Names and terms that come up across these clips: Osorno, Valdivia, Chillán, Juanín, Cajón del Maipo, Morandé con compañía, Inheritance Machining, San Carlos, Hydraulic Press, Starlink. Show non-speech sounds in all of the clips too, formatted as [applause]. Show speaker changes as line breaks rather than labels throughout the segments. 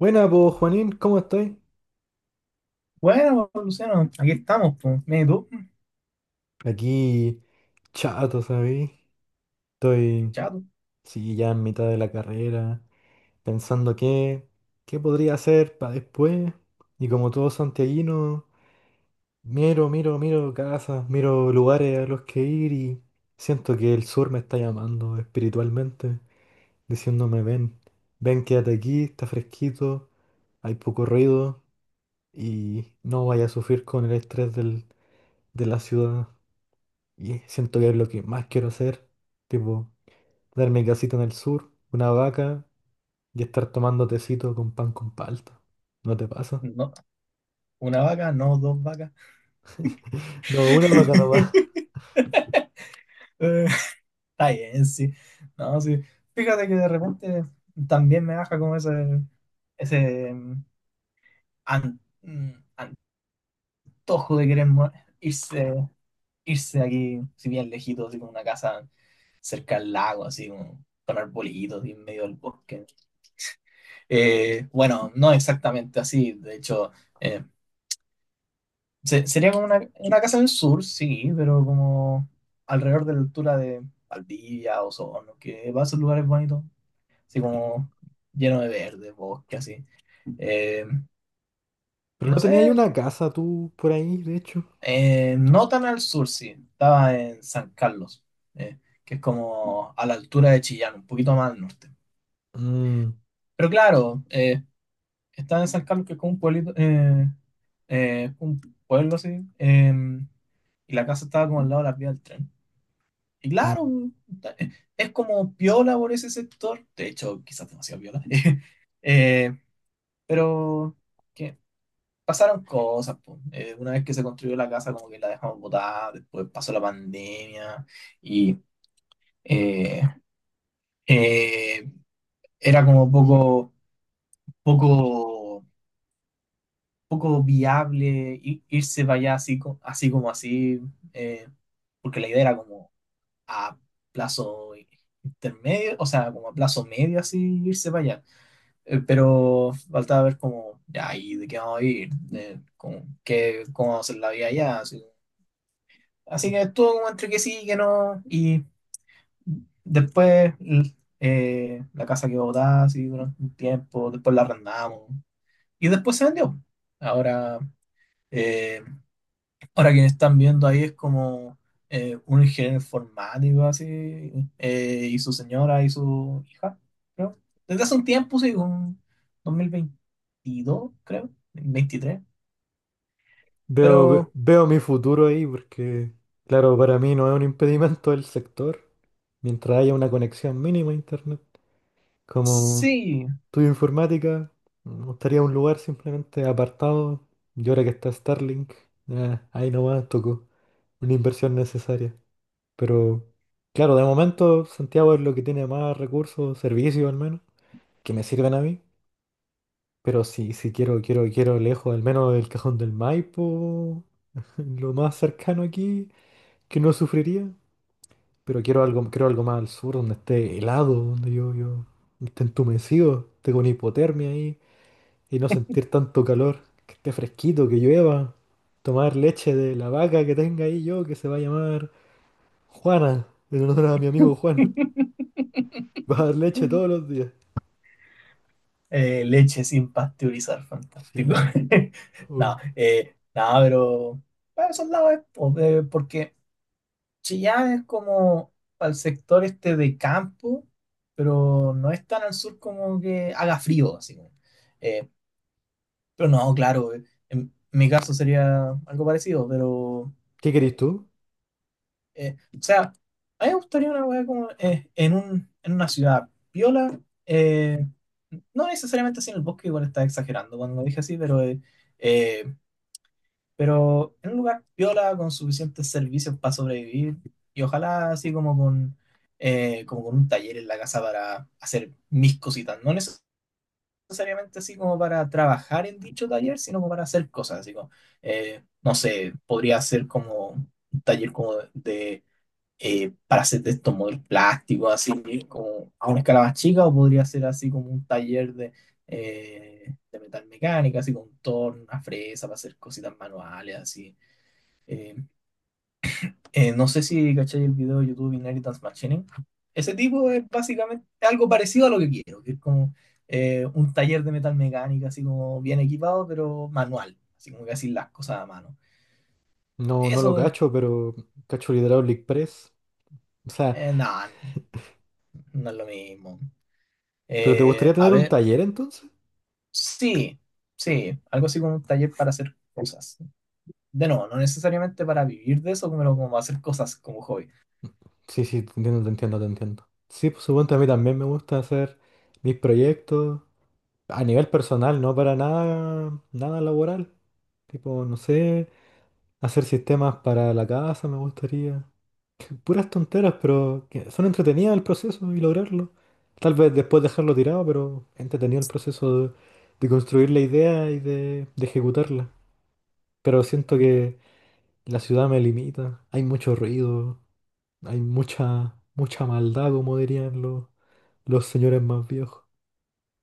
Buena, pues Juanín, ¿cómo estoy?
Bueno, pues, Luciano, aquí estamos, pues. Mira, ¿y tú?
Aquí chato, ¿sabéis? Estoy,
Chato.
sí, ya en mitad de la carrera, pensando qué podría hacer para después. Y como todo santiaguino, miro, miro, miro casas, miro lugares a los que ir y siento que el sur me está llamando espiritualmente, diciéndome, ven, ven, quédate aquí, está fresquito, hay poco ruido y no vaya a sufrir con el estrés de la ciudad. Y siento que es lo que más quiero hacer. Tipo, darme casita en el sur, una vaca y estar tomando tecito con pan con palta. ¿No te pasa?
No, una vaca, no dos vacas.
No, una vaca nomás.
[laughs] Eh, Está bien, sí. No, sí. Fíjate que de repente también me baja como ese an- mm, antojo de querer irse, irse de aquí, si bien lejito, así como una casa cerca al lago, así como con arbolitos y en medio del bosque. Bueno, no exactamente así, de hecho. eh, Sería como una casa en el sur, sí, pero como alrededor de la altura de Valdivia, Osorno, que va a ser lugares bonitos, así como lleno de verde, bosque, así. Eh,
[laughs]
y
Pero
no
no tenía ahí
sé,
una casa tú por ahí, de hecho.
no tan al sur, sí, estaba en San Carlos, eh, que es como a la altura de Chillán, un poquito más al norte.
Mm,
Pero claro, estaba en San Carlos, que es como un pueblito, un pueblo así, y la casa estaba como al lado de la vía del tren. Y claro,
mm,
es como piola por ese sector, de hecho, quizás demasiado piola. [laughs] Eh, pero que pasaron cosas, po. Una vez que se construyó la casa, como que la dejamos botada, después pasó la pandemia y eh, eh, era como poco, poco viable irse para allá así, así como así, eh, porque la idea era como a plazo intermedio, o sea, como a plazo medio así irse para allá. Pero faltaba ver como, ya, ¿y de qué vamos a ir? De, como, qué, ¿cómo vamos a hacer la vida allá? Así, así
mm.
que estuvo como entre que sí y que no. Y después la casa quedó botada así durante un tiempo, después la arrendamos y después se vendió. Ahora, eh, ahora quienes están viendo ahí es como un ingeniero informático así, y su señora y su hija, creo. Desde hace un tiempo, sí, un 2022, creo, 23.
Veo,
Pero
veo mi futuro ahí porque, claro, para mí no es un impedimento el sector. Mientras haya una conexión mínima a internet. Como
sí,
estudio informática, me gustaría un lugar simplemente apartado. Y ahora que está Starlink, ahí nomás tocó una inversión necesaria. Pero claro, de momento Santiago es lo que tiene más recursos, servicios al menos, que me sirven a mí. Pero si quiero, quiero, quiero lejos, al menos el Cajón del Maipo, [laughs] lo más cercano aquí, que no sufriría. Pero quiero algo más al sur, donde esté helado, donde yo esté entumecido, tengo una hipotermia ahí. Y no sentir tanto calor, que esté fresquito, que llueva, tomar leche de la vaca que tenga ahí yo, que se va a llamar Juana, en honor a mi amigo Juan. Va a dar leche todos los días.
leche sin pasteurizar, fantástico.
Sí,
[laughs] No,
uy.
no, pero para esos lados es porque Chillán es como al sector este de campo, pero no es tan al sur como que haga frío, así como. Eh, pero no, claro, en mi caso sería algo parecido, pero,
¿Qué querés tú?
o sea, a mí me gustaría una weá como en en una ciudad piola, eh, no necesariamente así en el bosque, igual estaba exagerando cuando lo dije así, pero eh, pero en un lugar piola con suficientes servicios para sobrevivir y ojalá así como como con un taller en la casa para hacer mis cositas. No necesariamente así como para trabajar en dicho taller, sino como para hacer cosas. Así como, no sé, podría ser como un taller como de para hacer de estos modelos plásticos, así como a una escala más chica, o podría ser así como un taller eh, de metal mecánica, así con torno, una fresa para hacer cositas manuales, así. Eh, no sé si cachai el video de YouTube Inheritance Machining. Ese tipo es básicamente algo parecido a lo que quiero, que es como un taller de metal mecánica, así como bien equipado, pero manual, así como que así las cosas a mano.
No, no lo
Eso,
cacho, pero cacho el Hydraulic Press. O sea,
nada, no es lo mismo.
¿pero te gustaría
A
tener un
ver,
taller entonces?
sí, sí, algo así como un taller para hacer cosas. De nuevo, no necesariamente para vivir de eso, pero como hacer cosas como hobby.
Sí, sí, te entiendo, te entiendo, te entiendo. Sí, por supuesto, a mí también me gusta hacer mis proyectos a nivel personal, no para nada, nada laboral. Tipo, no sé. Hacer sistemas para la casa me gustaría. Puras tonteras, pero que son entretenidas el proceso y lograrlo. Tal vez después dejarlo tirado, pero entretenido el proceso de construir la idea y de ejecutarla. Pero siento que la ciudad me limita. Hay mucho ruido, hay mucha, mucha maldad, como dirían los señores más viejos.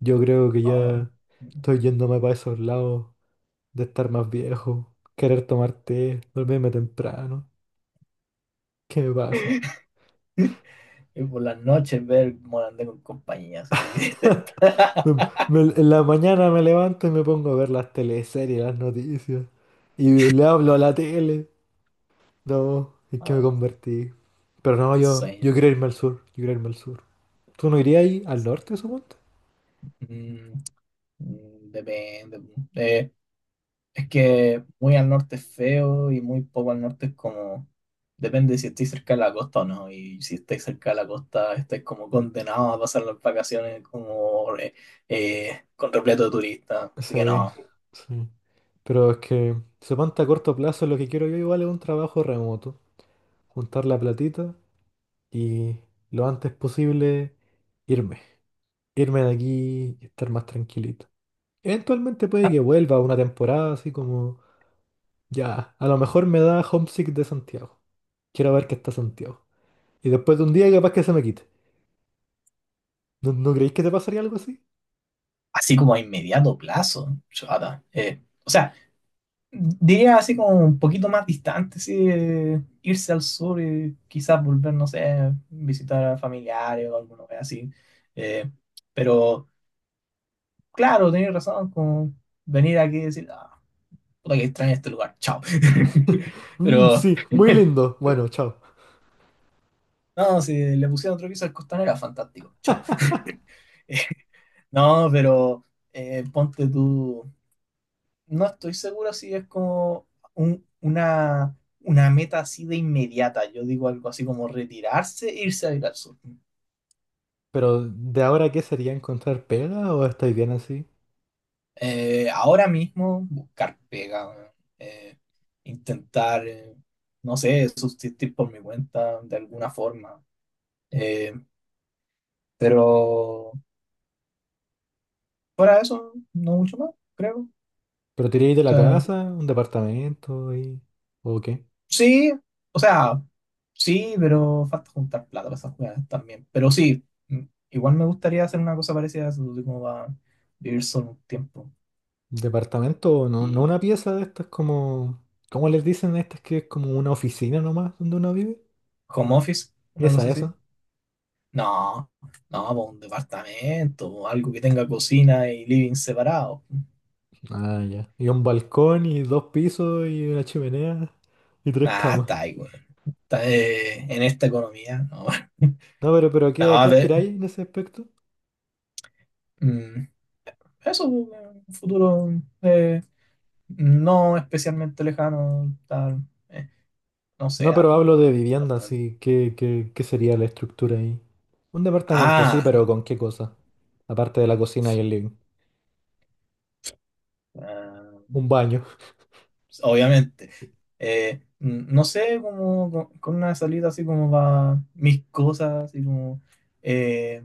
Yo creo que
Ah,
ya estoy yéndome para esos lados de estar más viejo, querer tomar té, dormirme temprano. ¿Qué me pasa?
[laughs] y por las noches ver Morandé con compañía, así.
[laughs]
[laughs]
Me- en la mañana me levanto y me pongo a ver las teleseries, las noticias. Y le hablo a la tele. No, es que me
Ah,
convertí. Pero no,
el
yo,
sueño.
yo quiero irme al sur. Yo quiero irme al sur. ¿Tú no irías ahí al norte, suponte?
Mm, mm, depende. Eh, es que muy al norte es feo y muy poco al norte es como. Depende de si estáis cerca de la costa o no. Y si estáis cerca de la costa, estáis como condenados a pasar las vacaciones como con repleto de turistas. Así que
Sí,
no.
sí. Pero es que, suponte a corto plazo, lo que quiero yo igual es un trabajo remoto. Juntar la platita y lo antes posible irme. Irme de aquí y estar más tranquilito. Eventualmente puede
Ah,
que vuelva una temporada así como. Ya, a lo mejor me da homesick de Santiago. Quiero ver qué está Santiago. Y después de un día capaz que se me quite. ¿No creéis que te pasaría algo así?
así como a inmediato plazo, chata. O sea, diría así como un poquito más distante, sí, irse al sur y quizás volver, no sé, visitar a familiares o alguna vez así. Eh, pero claro, tenés razón, como venir aquí y decir, ah, puta que extraño este lugar, chao.
[laughs]
[laughs]
Mm,
Pero
sí, muy
[laughs]
lindo. Bueno, chao.
no, si le pusieran otro piso al costanera, fantástico, chao. [laughs] No, pero ponte tú. No estoy seguro si es como un- una, una meta así de inmediata. Yo digo algo así como retirarse e irse a vivir al sur.
Pero ¿de ahora qué sería encontrar pega o estáis bien así?
Ahora mismo buscar pega, weón. Eh, Intentar, no sé, subsistir por mi cuenta de alguna forma. Eh, pero fuera de eso, no mucho más, creo.
¿Pero te iríais de la casa, un departamento y... ¿O qué?
Sí, o sea, sí, pero falta juntar plata para esas jugadas también. Pero sí, mm, igual me gustaría hacer una cosa parecida a eso, de como va a vivir solo un tiempo.
Departamento, no, no
Y
una pieza de estas como... ¿Cómo les dicen a estas que es como una oficina nomás donde uno vive?
home office, una
Esa,
cosa así.
esa.
No, no, po, un departamento, po, algo que tenga cocina y living separado.
Ah, ya. Y un balcón y dos pisos y una chimenea y tres
Nah,
camas.
está ahí, güey. Está, en esta economía, no. [laughs]
No, pero ¿a qué,
No,
a
a
qué aspiráis
ver,
en ese aspecto?
mm, eso, po, un futuro eh, no especialmente lejano, tal, eh, no sé,
No, pero hablo
arrendando.
de vivienda, sí. ¿Qué sería la estructura ahí? Un departamento, sí,
Ah,
pero ¿con qué cosa? Aparte de la cocina y el living.
ah,
Un baño.
obviamente. No sé, como con una salida así como va mis cosas, así como eh,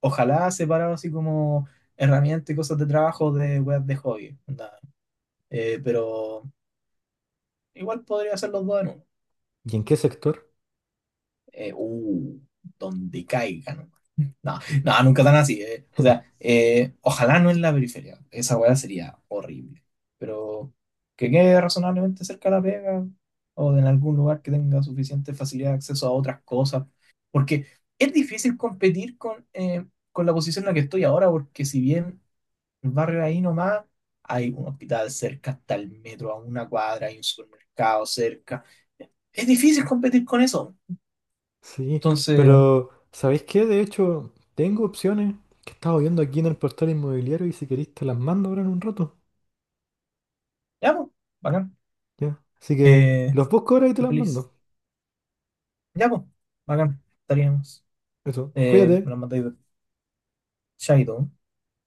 ojalá separado así como herramientas y cosas de trabajo de weas de hobby. Onda. Pero igual podría hacer los dos en uno.
¿Y en qué sector?
Eh, uh, Donde caigan. No, no, nunca tan así. Eh. O sea, ojalá no en la periferia. Esa weá sería horrible. Pero que quede razonablemente cerca de la pega o en algún lugar que tenga suficiente facilidad de acceso a otras cosas. Porque es difícil competir con la posición en la que estoy ahora, porque si bien el barrio ahí nomás, hay un hospital cerca, hasta el metro, a una cuadra, hay un supermercado cerca. Es difícil competir con eso.
Sí,
Entonces,
pero ¿sabéis qué? De hecho, tengo opciones que estaba viendo aquí en el portal inmobiliario y si queréis te las mando ahora en un rato.
ya, pues, bacán.
Ya. Así que
Eh,
los busco ahora y te las
Feliz.
mando.
Ya, pues, bacán, estaríamos.
Eso.
Me
Cuídate.
lo mandáis de Shadow.